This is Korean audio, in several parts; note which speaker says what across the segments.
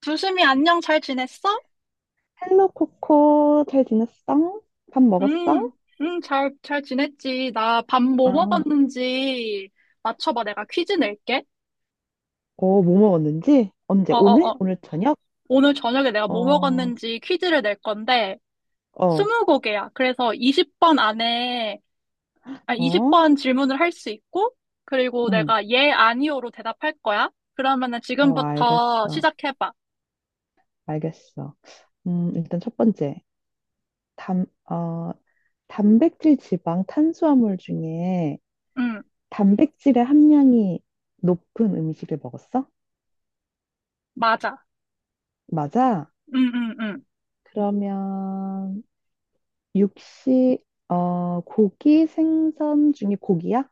Speaker 1: 두심이 안녕, 잘 지냈어?
Speaker 2: 헬로 코코 잘 지냈어? 밥
Speaker 1: 응,
Speaker 2: 먹었어?
Speaker 1: 응, 잘 지냈지. 나 밥 뭐
Speaker 2: 아,
Speaker 1: 먹었는지 맞춰봐. 내가 퀴즈 낼게.
Speaker 2: 뭐 먹었는지? 언제?
Speaker 1: 어, 어,
Speaker 2: 오늘?
Speaker 1: 어.
Speaker 2: 오늘 저녁?
Speaker 1: 오늘 저녁에 내가 뭐
Speaker 2: 어,
Speaker 1: 먹었는지 퀴즈를 낼 건데,
Speaker 2: 어,
Speaker 1: 스무 곡이야. 그래서 20번 안에, 아, 이십
Speaker 2: 어,
Speaker 1: 번 질문을 할 수 있고, 그리고
Speaker 2: 응,
Speaker 1: 내가 예, 아니오로 대답할 거야. 그러면은 지금부터
Speaker 2: 알겠어,
Speaker 1: 시작해봐.
Speaker 2: 알겠어. 일단 첫 번째, 단, 어, 단백질, 지방, 탄수화물 중에
Speaker 1: 응,
Speaker 2: 단백질의 함량이 높은 음식을 먹었어?
Speaker 1: 맞아.
Speaker 2: 맞아?
Speaker 1: 응, 응, 응.
Speaker 2: 그러면 육식, 고기, 생선 중에 고기야?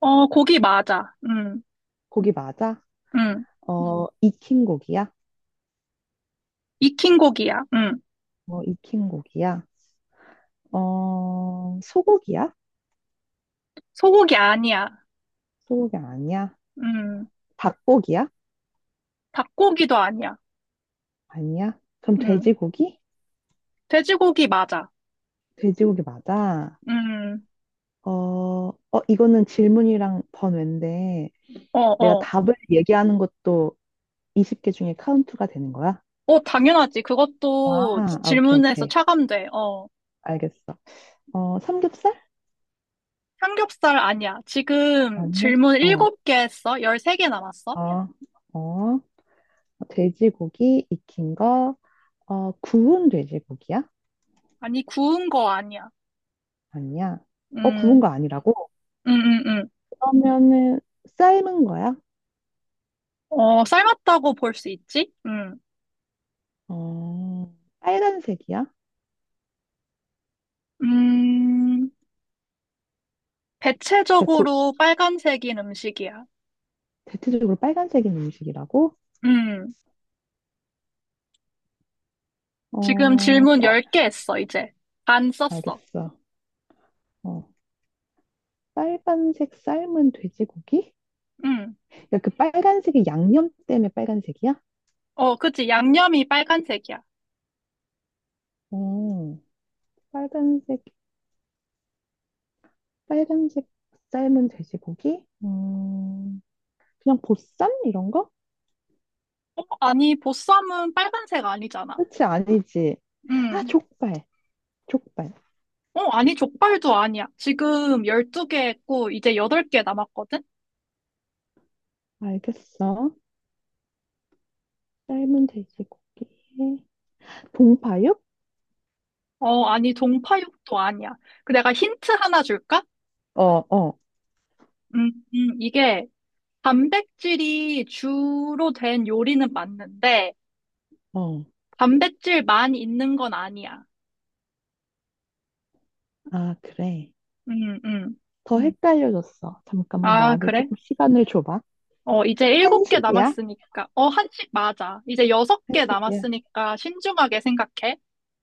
Speaker 1: 어, 고기 맞아. 응,
Speaker 2: 고기 맞아? 음.
Speaker 1: 응.
Speaker 2: 익힌 고기야?
Speaker 1: 익힌 고기야. 응.
Speaker 2: 익힌 고기야? 소고기야?
Speaker 1: 소고기 아니야.
Speaker 2: 소고기 아니야?
Speaker 1: 음,
Speaker 2: 닭고기야?
Speaker 1: 닭고기도 아니야.
Speaker 2: 아니야? 그럼
Speaker 1: 음,
Speaker 2: 돼지고기?
Speaker 1: 돼지고기 맞아.
Speaker 2: 돼지고기 맞아.
Speaker 1: 음,
Speaker 2: 이거는 질문이랑 번외인데,
Speaker 1: 어,
Speaker 2: 내가
Speaker 1: 어.
Speaker 2: 답을 얘기하는 것도 20개 중에 카운트가 되는 거야?
Speaker 1: 어, 당연하지.
Speaker 2: 아,
Speaker 1: 그것도
Speaker 2: 아, 오케이,
Speaker 1: 질문에서
Speaker 2: 오케이.
Speaker 1: 차감돼. 어.
Speaker 2: 알겠어. 삼겹살?
Speaker 1: 삼겹살 아니야. 지금
Speaker 2: 아니야?
Speaker 1: 질문
Speaker 2: 어,
Speaker 1: 7개 했어? 13개 남았어?
Speaker 2: 어, 어, 돼지고기 익힌 거, 구운 돼지고기야?
Speaker 1: 아니, 구운 거 아니야.
Speaker 2: 아니야? 구운
Speaker 1: 음,
Speaker 2: 거 아니라고?
Speaker 1: 음, 음, 음.
Speaker 2: 그러면은 삶은 거야?
Speaker 1: 어, 삶았다고 볼 수 있지?
Speaker 2: 어, 빨간색이야?
Speaker 1: 음,
Speaker 2: 그러니까
Speaker 1: 대체적으로 빨간색인 음식이야.
Speaker 2: 대체적으로 빨간색인 음식이라고?
Speaker 1: 음, 지금
Speaker 2: 어,
Speaker 1: 질문
Speaker 2: 쌀,
Speaker 1: 10개 했어, 이제. 안 썼어.
Speaker 2: 알겠어. 어, 빨간색 삶은 돼지고기?
Speaker 1: 음.
Speaker 2: 야, 그 빨간색이 양념 때문에 빨간색이야?
Speaker 1: 어, 그치. 양념이 빨간색이야.
Speaker 2: 어, 빨간색, 빨간색 삶은 돼지고기? 그냥 보쌈? 이런 거?
Speaker 1: 어, 아니, 보쌈은 빨간색 아니잖아.
Speaker 2: 그렇지, 아니지. 아,
Speaker 1: 음.
Speaker 2: 족발. 족발.
Speaker 1: 어, 아니, 족발도 아니야. 지금 12개 했고, 이제 8개 남았거든?
Speaker 2: 알겠어. 삶은 돼지고기에 봉파육?
Speaker 1: 어, 아니, 동파육도 아니야. 그 내가 힌트 하나 줄까?
Speaker 2: 어, 어,
Speaker 1: 음, 이게 단백질이 주로 된 요리는 맞는데,
Speaker 2: 어.
Speaker 1: 단백질만 있는 건 아니야.
Speaker 2: 아, 그래.
Speaker 1: 음, 음.
Speaker 2: 더 헷갈려졌어. 잠깐만
Speaker 1: 아,
Speaker 2: 나한테
Speaker 1: 그래?
Speaker 2: 조금 시간을 줘봐.
Speaker 1: 어, 이제 7개
Speaker 2: 한식이야?
Speaker 1: 남았으니까. 어, 한식 맞아. 이제 6개
Speaker 2: 한식이야.
Speaker 1: 남았으니까 신중하게 생각해.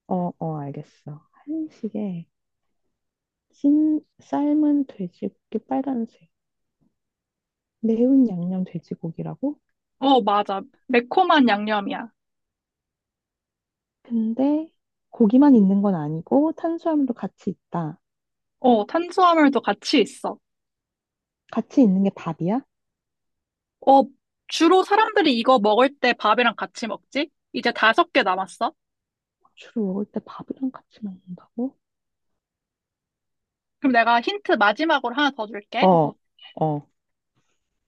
Speaker 2: 알겠어. 한식에 찐 삶은 돼지고기 빨간색. 매운 양념 돼지고기라고?
Speaker 1: 어, 맞아. 매콤한 양념이야.
Speaker 2: 근데 고기만 있는 건 아니고 탄수화물도 같이 있다.
Speaker 1: 어, 탄수화물도 같이 있어.
Speaker 2: 같이 있는 게 밥이야?
Speaker 1: 어, 주로 사람들이 이거 먹을 때 밥이랑 같이 먹지? 이제 5개 남았어.
Speaker 2: 주로 먹을 때 밥이랑 같이 먹는다고?
Speaker 1: 그럼 내가 힌트 마지막으로 하나 더 줄게.
Speaker 2: 어, 어.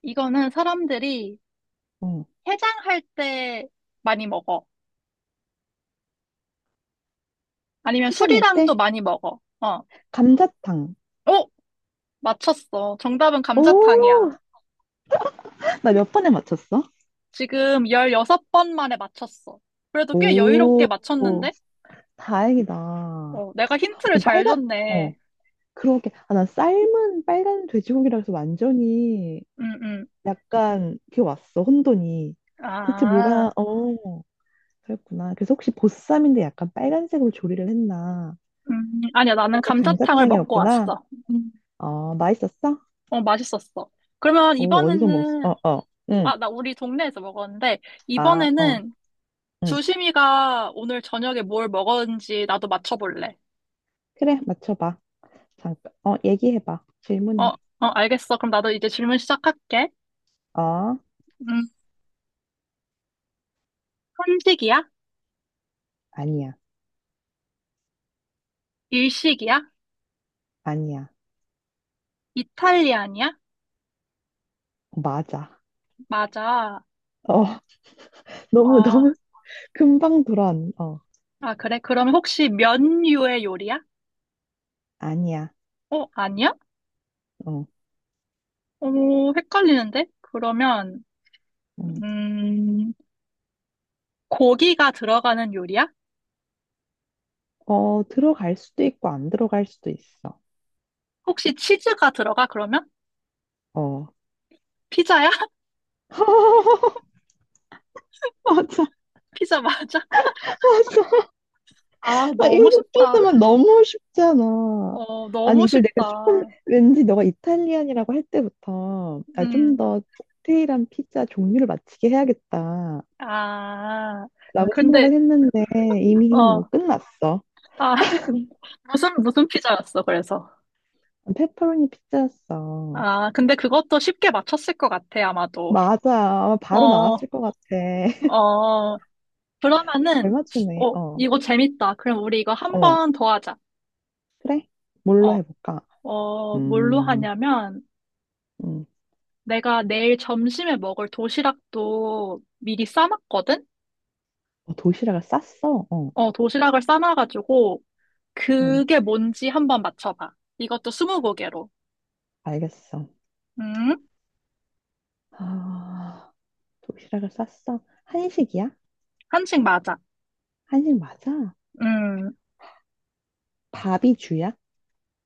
Speaker 1: 이거는 사람들이
Speaker 2: 어,
Speaker 1: 해장할 때 많이 먹어. 아니면
Speaker 2: 해장할
Speaker 1: 술이랑도
Speaker 2: 때
Speaker 1: 많이 먹어. 어,
Speaker 2: 감자탕.
Speaker 1: 어, 맞췄어. 정답은 감자탕이야.
Speaker 2: 오, 나 몇 번에 맞췄어?
Speaker 1: 지금 16번 만에 맞췄어. 그래도 꽤 여유롭게
Speaker 2: 오,
Speaker 1: 맞췄는데?
Speaker 2: 다행이다.
Speaker 1: 어, 내가 힌트를 잘
Speaker 2: 빨간, 어,
Speaker 1: 줬네.
Speaker 2: 그러게. 아, 난 삶은 빨간 돼지고기라서 완전히
Speaker 1: 음, 음.
Speaker 2: 약간 그게 왔어, 혼돈이. 대체
Speaker 1: 아.
Speaker 2: 뭐가, 어, 그랬구나. 그래서 혹시 보쌈인데 약간 빨간색으로 조리를 했나?
Speaker 1: 아니야, 나는
Speaker 2: 근데
Speaker 1: 감자탕을 먹고
Speaker 2: 감자탕이었구나.
Speaker 1: 왔어. 음,
Speaker 2: 맛있었어?
Speaker 1: 어, 맛있었어. 그러면
Speaker 2: 오, 어디서 먹었어?
Speaker 1: 이번에는,
Speaker 2: 어, 어, 응.
Speaker 1: 아, 나 우리 동네에서 먹었는데,
Speaker 2: 아, 어,
Speaker 1: 이번에는
Speaker 2: 응.
Speaker 1: 주심이가 오늘 저녁에 뭘 먹었는지 나도 맞춰볼래.
Speaker 2: 그래, 맞춰봐. 잠깐, 얘기해봐.
Speaker 1: 어, 어,
Speaker 2: 질문해.
Speaker 1: 알겠어. 그럼 나도 이제 질문 시작할게.
Speaker 2: 어,
Speaker 1: 음, 한식이야?
Speaker 2: 아니야.
Speaker 1: 일식이야?
Speaker 2: 아니야.
Speaker 1: 이탈리안이야?
Speaker 2: 맞아.
Speaker 1: 맞아.
Speaker 2: 어,
Speaker 1: 아,
Speaker 2: 너무 금방 돌아온, 어,
Speaker 1: 아, 그래? 그럼 혹시 면류의 요리야?
Speaker 2: 아니야.
Speaker 1: 어, 아니야?
Speaker 2: 어,
Speaker 1: 오, 헷갈리는데? 그러면,
Speaker 2: 음.
Speaker 1: 음, 고기가 들어가는 요리야?
Speaker 2: 들어갈 수도 있고, 안 들어갈 수도 있어.
Speaker 1: 혹시 치즈가 들어가, 그러면?
Speaker 2: 어.
Speaker 1: 피자야?
Speaker 2: 맞아,
Speaker 1: 피자 맞아?
Speaker 2: 맞아.
Speaker 1: 아,
Speaker 2: 아,
Speaker 1: 너무
Speaker 2: 이거 또
Speaker 1: 쉽다.
Speaker 2: 면 너무 쉽잖아.
Speaker 1: 어,
Speaker 2: 아니,
Speaker 1: 너무
Speaker 2: 이걸 내가 조금,
Speaker 1: 쉽다.
Speaker 2: 왠지 너가 이탈리안이라고 할 때부터, 아, 좀
Speaker 1: 음,
Speaker 2: 더 디테일한 피자 종류를 맞히게 해야겠다.
Speaker 1: 아,
Speaker 2: 라고
Speaker 1: 근데,
Speaker 2: 생각을 했는데, 이미 뭐
Speaker 1: 어,
Speaker 2: 끝났어.
Speaker 1: 아, 무슨 피자였어, 그래서.
Speaker 2: 페퍼로니 피자였어.
Speaker 1: 아, 근데 그것도 쉽게 맞췄을 것 같아, 아마도.
Speaker 2: 맞아. 바로
Speaker 1: 어,
Speaker 2: 나왔을 것 같아.
Speaker 1: 어,
Speaker 2: 잘
Speaker 1: 그러면은,
Speaker 2: 맞추네.
Speaker 1: 어,
Speaker 2: 어,
Speaker 1: 이거 재밌다. 그럼 우리 이거 한
Speaker 2: 어,
Speaker 1: 번 더 하자.
Speaker 2: 그래? 뭘로
Speaker 1: 어,
Speaker 2: 해볼까?
Speaker 1: 어, 뭘로
Speaker 2: 음,
Speaker 1: 하냐면,
Speaker 2: 음,
Speaker 1: 내가 내일 점심에 먹을 도시락도 미리 싸놨거든?
Speaker 2: 도시락을 쌌어? 어,
Speaker 1: 어, 도시락을 싸놔가지고
Speaker 2: 음,
Speaker 1: 그게 뭔지 한번 맞춰봐. 이것도 스무고개로.
Speaker 2: 알겠어.
Speaker 1: 음,
Speaker 2: 아, 도시락을 쌌어? 한식이야?
Speaker 1: 한식 맞아.
Speaker 2: 한식 맞아?
Speaker 1: 음,
Speaker 2: 밥이 주야?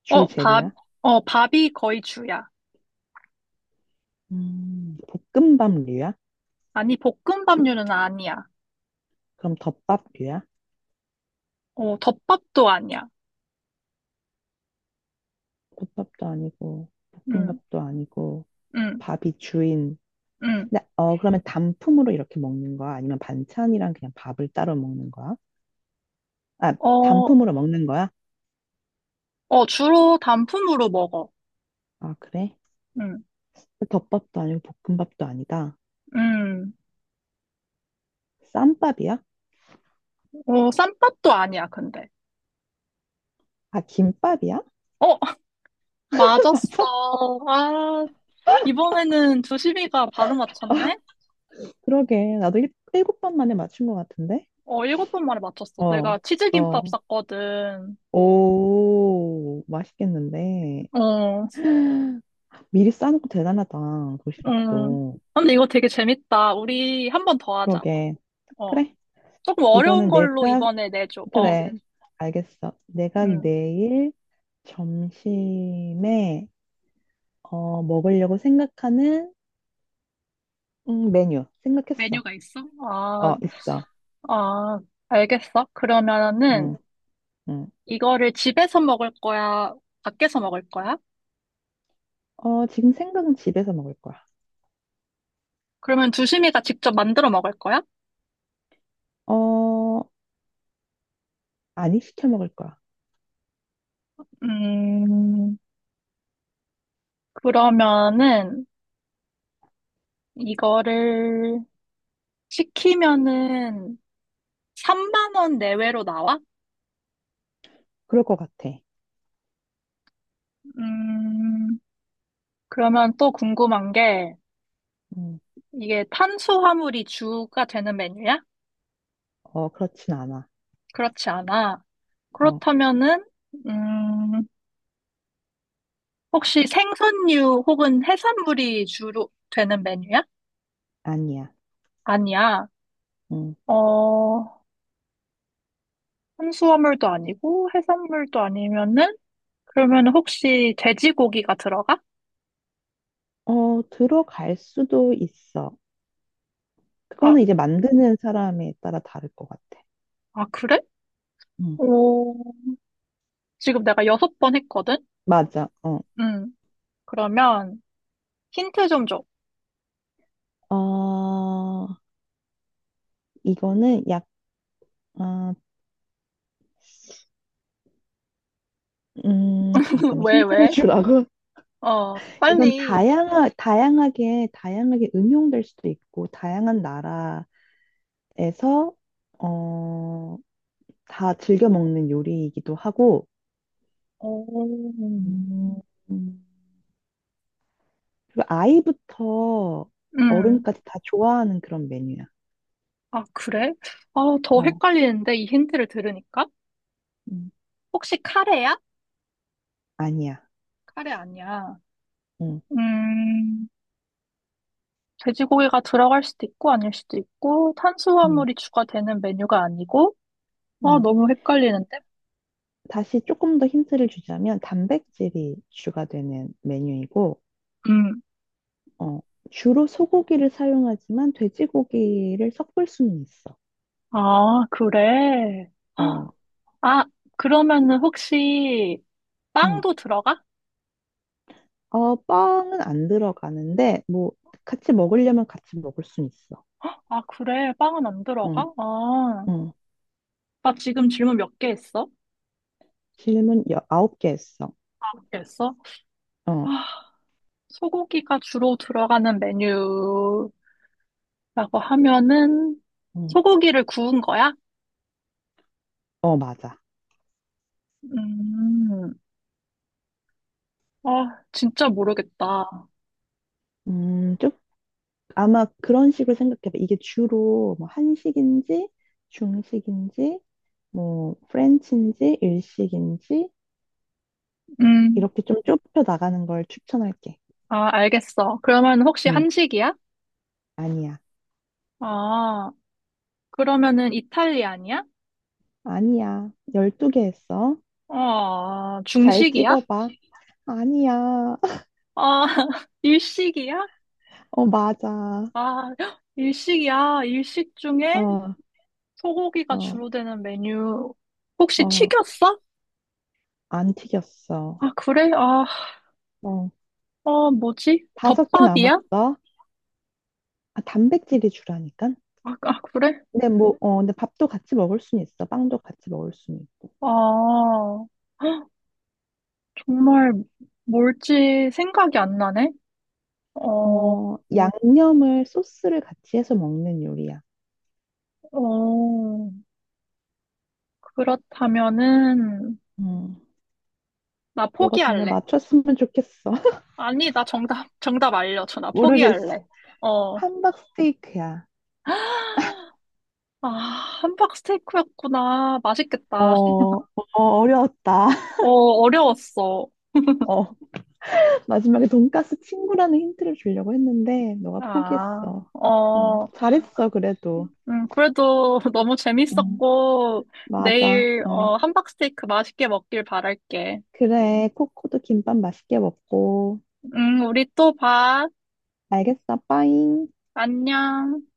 Speaker 2: 주
Speaker 1: 어, 밥,
Speaker 2: 재료야?
Speaker 1: 밥이 거의 주야.
Speaker 2: 음, 볶음밥류야?
Speaker 1: 아니, 볶음밥류는 아니야.
Speaker 2: 그럼 덮밥류야?
Speaker 1: 어, 덮밥도 아니야.
Speaker 2: 국밥도 아니고,
Speaker 1: 음,
Speaker 2: 볶음밥도 아니고,
Speaker 1: 음,
Speaker 2: 밥이 주인.
Speaker 1: 음.
Speaker 2: 그러면 단품으로 이렇게 먹는 거야? 아니면 반찬이랑 그냥 밥을 따로 먹는 거야? 아,
Speaker 1: 어,
Speaker 2: 단품으로 먹는 거야?
Speaker 1: 어, 주로 단품으로 먹어.
Speaker 2: 아, 그래?
Speaker 1: 음,
Speaker 2: 덮밥도 아니고 볶음밥도 아니다.
Speaker 1: 음.
Speaker 2: 쌈밥이야?
Speaker 1: 어, 쌈밥도 아니야, 근데.
Speaker 2: 아, 김밥이야?
Speaker 1: 어, 맞았어.
Speaker 2: 맞아?
Speaker 1: 아, 이번에는 두시비가 바로 맞췄네?
Speaker 2: 그러게. 나도 일곱 번 만에 맞춘 것 같은데?
Speaker 1: 어, 7번 만에 맞췄어. 내가
Speaker 2: 어,
Speaker 1: 치즈김밥
Speaker 2: 어.
Speaker 1: 샀거든.
Speaker 2: 오, 맛있겠는데.
Speaker 1: 어,
Speaker 2: 미리 싸놓고 대단하다.
Speaker 1: 음.
Speaker 2: 도시락도.
Speaker 1: 근데 이거 되게 재밌다. 우리 한 번 더 하자.
Speaker 2: 그러게.
Speaker 1: 어,
Speaker 2: 그래.
Speaker 1: 조금 어려운
Speaker 2: 이번엔
Speaker 1: 걸로
Speaker 2: 내가,
Speaker 1: 이번에 내줘. 어,
Speaker 2: 그래. 알겠어. 내가
Speaker 1: 음.
Speaker 2: 내일 점심에, 먹으려고 생각하는, 메뉴. 생각했어.
Speaker 1: 메뉴가 있어? 아,
Speaker 2: 있어.
Speaker 1: 아, 알겠어. 그러면은
Speaker 2: 응, 응.
Speaker 1: 이거를 집에서 먹을 거야? 밖에서 먹을 거야?
Speaker 2: 지금 생각은 집에서 먹을 거야.
Speaker 1: 그러면 두심이가 직접 만들어 먹을 거야?
Speaker 2: 어, 아니, 시켜 먹을 거야.
Speaker 1: 음, 그러면은 이거를 시키면은 3만 원 내외로 나와?
Speaker 2: 그럴 것 같아.
Speaker 1: 음, 그러면 또 궁금한 게
Speaker 2: 음,
Speaker 1: 이게 탄수화물이 주가 되는 메뉴야?
Speaker 2: 그렇진 않아.
Speaker 1: 그렇지 않아.
Speaker 2: 어,
Speaker 1: 그렇다면은 음, 혹시 생선류 혹은 해산물이 주로 되는 메뉴야?
Speaker 2: 아니야.
Speaker 1: 아니야.
Speaker 2: 음.
Speaker 1: 어, 탄수화물도 아니고 해산물도 아니면은 그러면 혹시 돼지고기가 들어가?
Speaker 2: 들어갈 수도 있어.
Speaker 1: 아,
Speaker 2: 그거는 이제 만드는 사람에 따라 다를 것 같아.
Speaker 1: 아 그래?
Speaker 2: 음,
Speaker 1: 오, 지금 내가 6번 했거든?
Speaker 2: 맞아.
Speaker 1: 음. 그러면 힌트 좀 줘.
Speaker 2: 어, 이거는 어, 잠깐만
Speaker 1: 왜,
Speaker 2: 힌트를
Speaker 1: 왜?
Speaker 2: 주라고.
Speaker 1: 어,
Speaker 2: 이건
Speaker 1: 빨리.
Speaker 2: 다양하게 응용될 수도 있고, 다양한 나라에서, 어, 다 즐겨 먹는 요리이기도 하고,
Speaker 1: 오.
Speaker 2: 음, 음. 그리고 아이부터
Speaker 1: 음.
Speaker 2: 어른까지 다 좋아하는 그런 메뉴야.
Speaker 1: 아, 그래? 아, 더
Speaker 2: 어,
Speaker 1: 헷갈리는데, 이 힌트를 들으니까?
Speaker 2: 음,
Speaker 1: 혹시 카레야?
Speaker 2: 아니야.
Speaker 1: 카레 아니야.
Speaker 2: 응,
Speaker 1: 음, 돼지고기가 들어갈 수도 있고, 아닐 수도 있고,
Speaker 2: 응,
Speaker 1: 탄수화물이 추가되는 메뉴가 아니고, 아,
Speaker 2: 응.
Speaker 1: 너무 헷갈리는데?
Speaker 2: 다시 조금 더 힌트를 주자면 단백질이 주가 되는 메뉴이고,
Speaker 1: 음,
Speaker 2: 어, 주로 소고기를 사용하지만 돼지고기를 섞을 수는 있어.
Speaker 1: 아, 그래.
Speaker 2: 어,
Speaker 1: 아, 그러면은 혹시
Speaker 2: 응.
Speaker 1: 빵도 들어가?
Speaker 2: 빵은 안 들어가는데, 뭐, 같이 먹으려면 같이 먹을 수는 있어.
Speaker 1: 아, 그래. 빵은 안
Speaker 2: 응,
Speaker 1: 들어가? 아.
Speaker 2: 응.
Speaker 1: 아 지금 질문 몇 개 했어?
Speaker 2: 질문 아홉 개 했어.
Speaker 1: 몇 개 했어?
Speaker 2: 어,
Speaker 1: 아, 소고기가 주로 들어가는 메뉴라고 하면은
Speaker 2: 음,
Speaker 1: 소고기를 구운 거야?
Speaker 2: 맞아.
Speaker 1: 음, 아, 진짜 모르겠다.
Speaker 2: 음, 좀, 아마 그런 식으로 생각해봐. 이게 주로 뭐 한식인지, 중식인지, 뭐, 프렌치인지, 일식인지,
Speaker 1: 음,
Speaker 2: 이렇게 좀 좁혀 나가는 걸 추천할게.
Speaker 1: 아, 알겠어. 그러면 혹시
Speaker 2: 응,
Speaker 1: 한식이야?
Speaker 2: 아니야.
Speaker 1: 아, 그러면은 이탈리안이야?
Speaker 2: 아니야. 12개 했어.
Speaker 1: 아,
Speaker 2: 잘
Speaker 1: 중식이야?
Speaker 2: 찍어봐. 아니야.
Speaker 1: 아, 일식이야?
Speaker 2: 맞아.
Speaker 1: 아, 일식이야. 일식 중에
Speaker 2: 어,
Speaker 1: 소고기가
Speaker 2: 어,
Speaker 1: 주로 되는 메뉴 혹시
Speaker 2: 어,
Speaker 1: 튀겼어?
Speaker 2: 안 튀겼어.
Speaker 1: 아, 그래? 아,
Speaker 2: 어,
Speaker 1: 아, 뭐지?
Speaker 2: 다섯 개
Speaker 1: 덮밥이야?
Speaker 2: 남았어. 아, 단백질이 주라니까.
Speaker 1: 아, 아, 그래?
Speaker 2: 근데 밥도 같이 먹을 수는 있어. 빵도 같이 먹을 수는 있고.
Speaker 1: 아, 헉, 정말 뭘지 생각이 안 나네? 어,
Speaker 2: 양념을 소스를 같이 해서 먹는 요리야.
Speaker 1: 어, 그렇다면은,
Speaker 2: 음,
Speaker 1: 나
Speaker 2: 너가 정말
Speaker 1: 포기할래.
Speaker 2: 맞췄으면 좋겠어.
Speaker 1: 아니, 나 정답 알려줘. 나
Speaker 2: 모르겠어.
Speaker 1: 포기할래. 어.
Speaker 2: 함박 스테이크야.
Speaker 1: 아, 함박 스테이크였구나.
Speaker 2: 어,
Speaker 1: 맛있겠다.
Speaker 2: 어, 어려웠다.
Speaker 1: 어, 어려웠어.
Speaker 2: 어, 마지막에 돈가스 친구라는 힌트를 주려고 했는데, 너가
Speaker 1: 아,
Speaker 2: 포기했어.
Speaker 1: 어.
Speaker 2: 잘했어, 그래도.
Speaker 1: 그래도 너무
Speaker 2: 음,
Speaker 1: 재밌었고,
Speaker 2: 맞아.
Speaker 1: 내일, 어, 함박스테이크 맛있게 먹길 바랄게.
Speaker 2: 그래. 코코도 김밥 맛있게 먹고.
Speaker 1: 우리 또 봐.
Speaker 2: 알겠어, 빠잉.
Speaker 1: 안녕.